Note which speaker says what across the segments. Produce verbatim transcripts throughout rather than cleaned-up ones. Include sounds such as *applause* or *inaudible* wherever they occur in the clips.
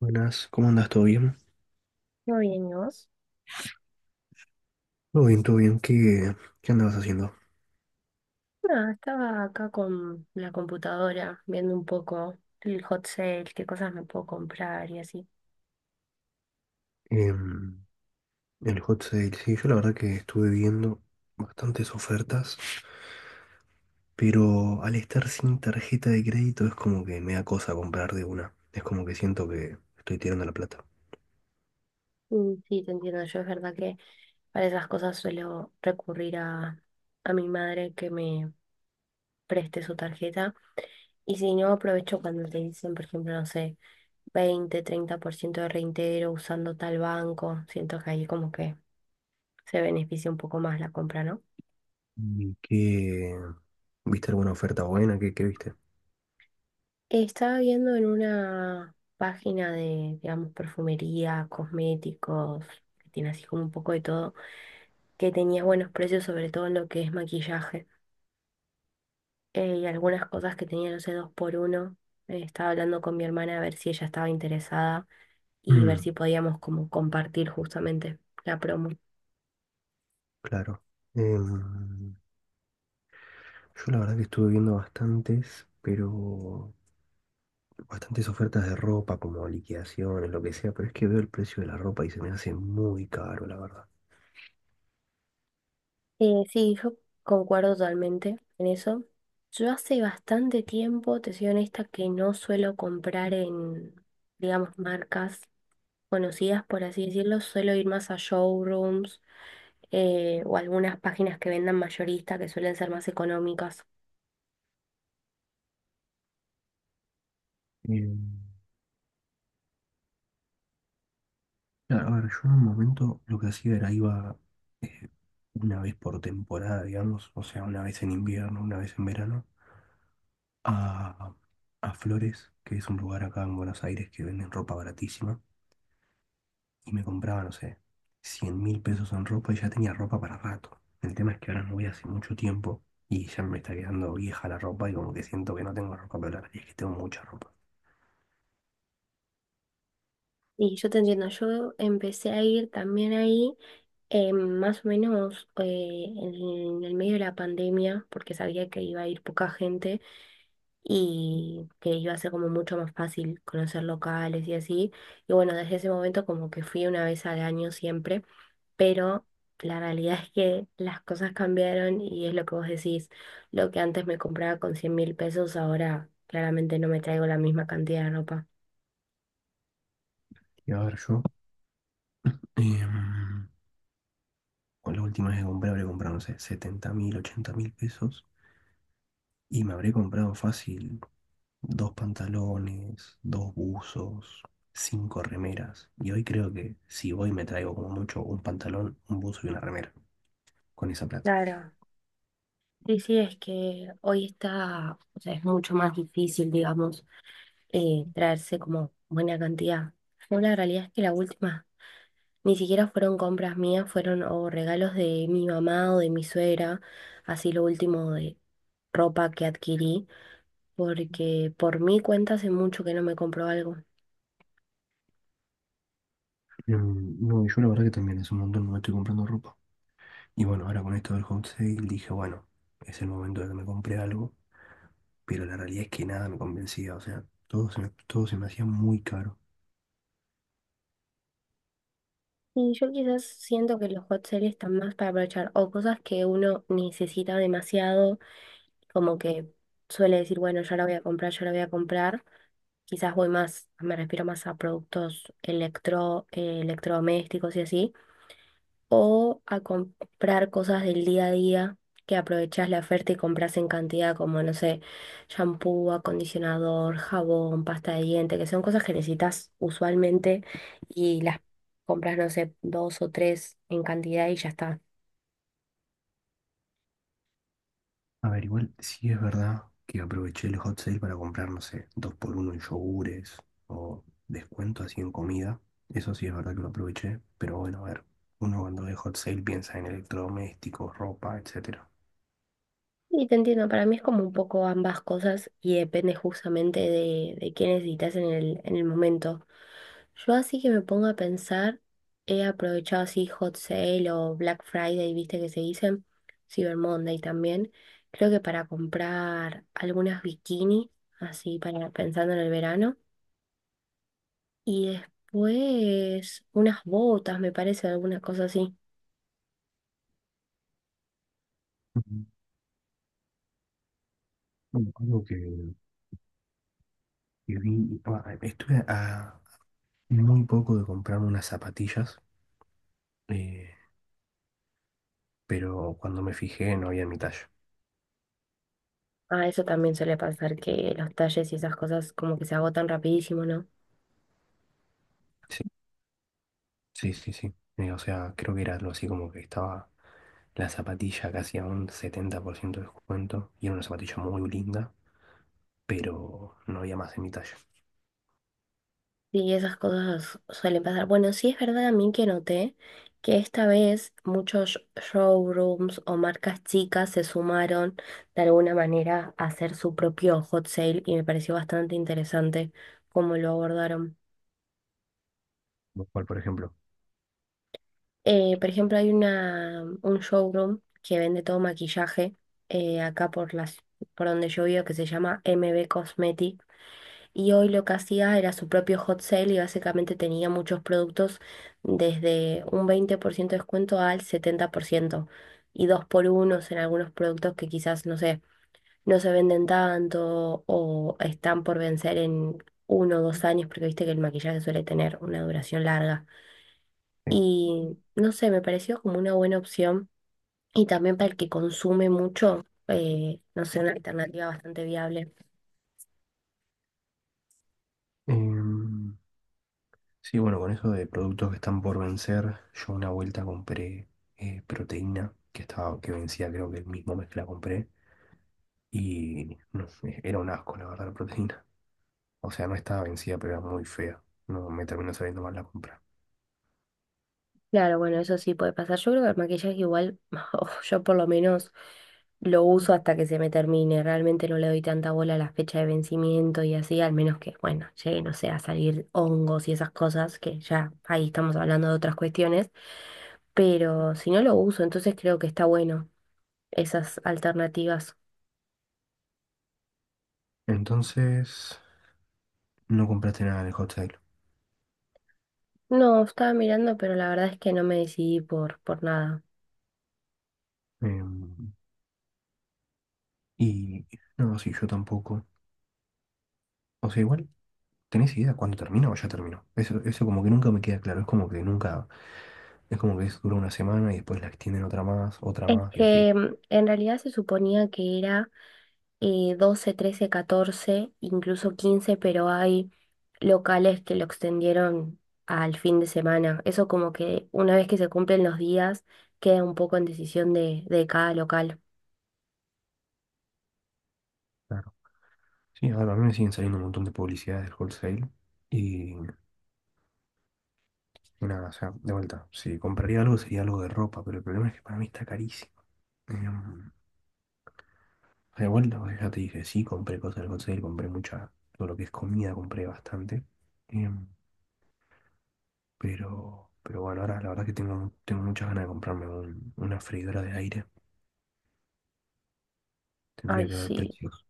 Speaker 1: Buenas, ¿cómo andas? ¿Todo bien?
Speaker 2: Muy bien, ¿y vos?
Speaker 1: Todo bien, todo bien. ¿Qué, qué andabas haciendo?
Speaker 2: Nada, estaba acá con la computadora viendo un poco el hot sale, qué cosas me puedo comprar y así.
Speaker 1: Em, el hot sale, sí, yo la verdad que estuve viendo bastantes ofertas, pero al estar sin tarjeta de crédito es como que me da cosa comprar de una. Es como que siento que estoy tirando la plata.
Speaker 2: Mm, Sí, te entiendo. Yo es verdad que para esas cosas suelo recurrir a, a mi madre que me preste su tarjeta. Y si no, aprovecho cuando te dicen, por ejemplo, no sé, veinte treinta por ciento de reintegro usando tal banco. Siento que ahí como que se beneficia un poco más la compra, ¿no?
Speaker 1: ¿Y qué? ¿Viste alguna oferta buena? ¿Qué, qué viste?
Speaker 2: Estaba viendo en una página de, digamos, perfumería, cosméticos, que tiene así como un poco de todo, que tenía buenos precios, sobre todo en lo que es maquillaje. Eh, y algunas cosas que tenía, no sé, dos por uno. Eh, estaba hablando con mi hermana a ver si ella estaba interesada y ver si
Speaker 1: Mm,
Speaker 2: podíamos como compartir justamente la promo.
Speaker 1: claro. Em, yo la verdad que estuve viendo bastantes, pero bastantes ofertas de ropa, como liquidaciones, lo que sea, pero es que veo el precio de la ropa y se me hace muy caro, la verdad.
Speaker 2: Eh, sí, yo concuerdo totalmente en eso. Yo hace bastante tiempo, te soy honesta, que no suelo comprar en, digamos, marcas conocidas, por así decirlo. Suelo ir más a showrooms, eh, o algunas páginas que vendan mayorista, que suelen ser más económicas.
Speaker 1: Eh, claro, a ver, yo en un momento lo que hacía era iba eh, una vez por temporada, digamos, o sea, una vez en invierno, una vez en verano, a, a Flores, que es un lugar acá en Buenos Aires que venden ropa baratísima. Y me compraba, no sé, cien mil pesos en ropa y ya tenía ropa para rato. El tema es que ahora no voy hace mucho tiempo y ya me está quedando vieja la ropa y como que siento que no tengo ropa para hablar. Y es que tengo mucha ropa.
Speaker 2: Y yo te entiendo, yo empecé a ir también ahí, eh, más o menos, eh, en el medio de la pandemia, porque sabía que iba a ir poca gente y que iba a ser como mucho más fácil conocer locales y así. Y bueno, desde ese momento como que fui una vez al año siempre, pero la realidad es que las cosas cambiaron y es lo que vos decís: lo que antes me compraba con cien mil pesos, ahora claramente no me traigo la misma cantidad de ropa.
Speaker 1: Y a ver, yo, em, con la última vez que compré, habré comprado, no sé, setenta mil, ochenta mil pesos y me habré comprado fácil dos pantalones, dos buzos, cinco remeras. Y hoy creo que si voy me traigo como mucho un pantalón, un buzo y una remera con esa plata.
Speaker 2: Claro. Sí, sí, es que hoy está, o sea, es mucho más difícil, digamos, eh, traerse como buena cantidad. Yo, la realidad es que la última ni siquiera fueron compras mías, fueron o regalos de mi mamá o de mi suegra, así lo último de ropa que adquirí, porque por mi cuenta hace mucho que no me compro algo.
Speaker 1: Mm. No, yo la verdad que también hace un montón no me estoy comprando ropa. Y bueno, ahora con esto del home sale dije, bueno, es el momento de que me compre algo, pero la realidad es que nada me convencía, o sea, todo se me, todo se me hacía muy caro.
Speaker 2: Y yo quizás siento que los hot sales están más para aprovechar o cosas que uno necesita demasiado, como que suele decir, bueno, ya la voy a comprar, ya la voy a comprar. Quizás voy más, me refiero más a productos electro, eh, electrodomésticos y así, o a comprar cosas del día a día, que aprovechás la oferta y compras en cantidad, como, no sé, shampoo, acondicionador, jabón, pasta de diente, que son cosas que necesitas usualmente y las compras, no sé, dos o tres en cantidad y ya está.
Speaker 1: A ver, igual sí es verdad que aproveché el hot sale para comprar, no sé, dos por uno en yogures o descuento así en comida. Eso sí es verdad que lo aproveché, pero bueno, a ver, uno cuando ve hot sale piensa en electrodomésticos, ropa, etcétera.
Speaker 2: Y te entiendo, para mí es como un poco ambas cosas y depende justamente de, de qué necesitas en el, en el momento. Yo, así que me pongo a pensar, he aprovechado así Hot Sale o Black Friday, viste que se dicen, Cyber Monday también, creo que para comprar algunas bikinis, así para pensando en el verano, y después unas botas, me parece, alguna cosa así.
Speaker 1: Ujú. Bueno, algo que, que vi, ah, estuve a, muy poco de comprarme unas zapatillas, eh, pero cuando me fijé no había en mi talla.
Speaker 2: Ah, eso también suele pasar, que los talles y esas cosas como que se agotan rapidísimo, ¿no?
Speaker 1: Sí, sí, sí, sí. Eh, o sea, creo que era algo así como que estaba la zapatilla casi a un setenta por ciento de descuento y era una zapatilla muy linda, pero no había más en mi talla.
Speaker 2: Sí, esas cosas suelen pasar. Bueno, sí es verdad, a mí que noté que esta vez muchos showrooms o marcas chicas se sumaron de alguna manera a hacer su propio hot sale, y me pareció bastante interesante cómo lo abordaron.
Speaker 1: Lo cual, por ejemplo.
Speaker 2: Eh, por ejemplo, hay una, un showroom que vende todo maquillaje, eh, acá por las, por donde yo vivo, que se llama M B Cosmetic. Y hoy lo que hacía era su propio hot sale, y básicamente tenía muchos productos desde un veinte por ciento de descuento al setenta por ciento, y dos por unos en algunos productos que quizás, no sé, no se venden tanto o están por vencer en uno o dos años, porque viste que el maquillaje suele tener una duración larga.
Speaker 1: Sí.
Speaker 2: Y no sé, me pareció como una buena opción. Y también para el que consume mucho, eh, no sé, una alternativa bastante viable.
Speaker 1: Em, sí, bueno, con eso de productos que están por vencer, yo una vuelta compré eh, proteína que estaba, que vencía, creo que el mismo mes que la compré. Y no sé, era un asco, la verdad, la proteína. O sea, no estaba vencida, pero era muy fea. No me terminó saliendo mal la compra.
Speaker 2: Claro, bueno, eso sí puede pasar. Yo creo que el maquillaje igual, *laughs* o yo por lo menos lo uso hasta que se me termine. Realmente no le doy tanta bola a la fecha de vencimiento y así, al menos que, bueno, llegue, no sé, a salir hongos y esas cosas, que ya ahí estamos hablando de otras cuestiones. Pero si no lo uso, entonces creo que está bueno esas alternativas.
Speaker 1: Entonces, no compraste nada de Hot Sale.
Speaker 2: No, estaba mirando, pero la verdad es que no me decidí por, por nada.
Speaker 1: Em, y no, sí, yo tampoco. O sea, igual, ¿tenés idea cuándo termina o ya terminó? Eso, eso como que nunca me queda claro. Es como que nunca, es como que es, dura una semana y después la extienden otra más, otra
Speaker 2: Es
Speaker 1: más y así.
Speaker 2: que mm, en realidad se suponía que era eh, doce, trece, catorce, incluso quince, pero hay locales que lo extendieron al fin de semana. Eso, como que una vez que se cumplen los días, queda un poco en decisión de, de cada local.
Speaker 1: Claro. Sí, a ver, a mí me siguen saliendo un montón de publicidades del wholesale. Y, y nada, o sea, de vuelta. Si compraría algo sería algo de ropa, pero el problema es que para mí está carísimo. Em, De vuelta, pues, ya te dije, sí, compré cosas del Hot Sale, compré mucha, todo lo que es comida, compré bastante. Em, pero, pero bueno, ahora la verdad que tengo, tengo muchas ganas de comprarme un- una freidora de aire. Tendría
Speaker 2: Ay,
Speaker 1: que ver
Speaker 2: sí,
Speaker 1: precios.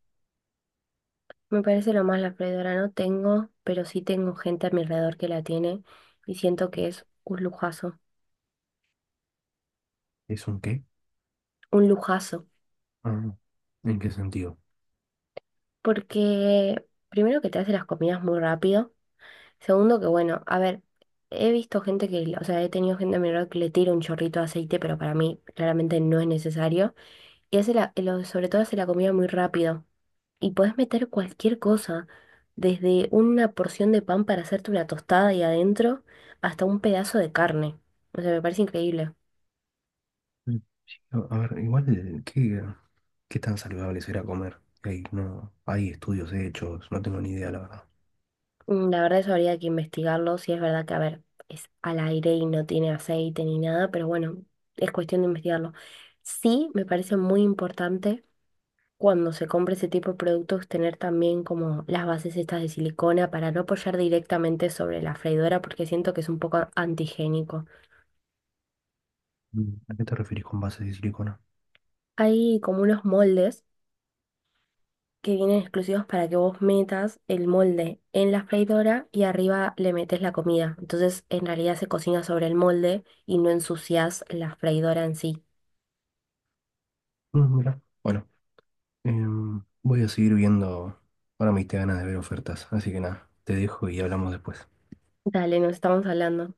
Speaker 2: me parece lo más. La freidora no tengo, pero sí tengo gente a mi alrededor que la tiene y siento que es un lujazo,
Speaker 1: ¿Es un qué?
Speaker 2: un lujazo,
Speaker 1: Ah, no. ¿En qué sentido?
Speaker 2: porque primero que te hace las comidas muy rápido. Segundo que, bueno, a ver, he visto gente que, o sea, he tenido gente a mi alrededor que le tira un chorrito de aceite, pero para mí claramente no es necesario. Y hace la, lo- sobre todo hace la comida muy rápido. Y podés meter cualquier cosa, desde una porción de pan para hacerte una tostada y adentro, hasta un pedazo de carne. O sea, me parece increíble.
Speaker 1: Mm. A ver, igual, ¿qué, qué tan saludable será comer? Hay, no, hay estudios hechos, no tengo ni idea, la verdad.
Speaker 2: Mm, la verdad eso habría que investigarlo. Si es verdad que, a ver, es al aire y no tiene aceite ni nada, pero bueno, es cuestión de investigarlo. Sí, me parece muy importante cuando se compre ese tipo de productos, tener también como las bases estas de silicona para no apoyar directamente sobre la freidora, porque siento que es un poco antigénico.
Speaker 1: Mm, ¿a qué te referís con bases de silicona?
Speaker 2: Hay como unos moldes que vienen exclusivos para que vos metas el molde en la freidora y arriba le metes la comida. Entonces, en realidad se cocina sobre el molde y no ensucias la freidora en sí.
Speaker 1: Mm, mira. Bueno, Em, voy a seguir viendo. Ahora me diste ganas de ver ofertas, así que nada, te dejo y hablamos después.
Speaker 2: Dale, nos estamos hablando.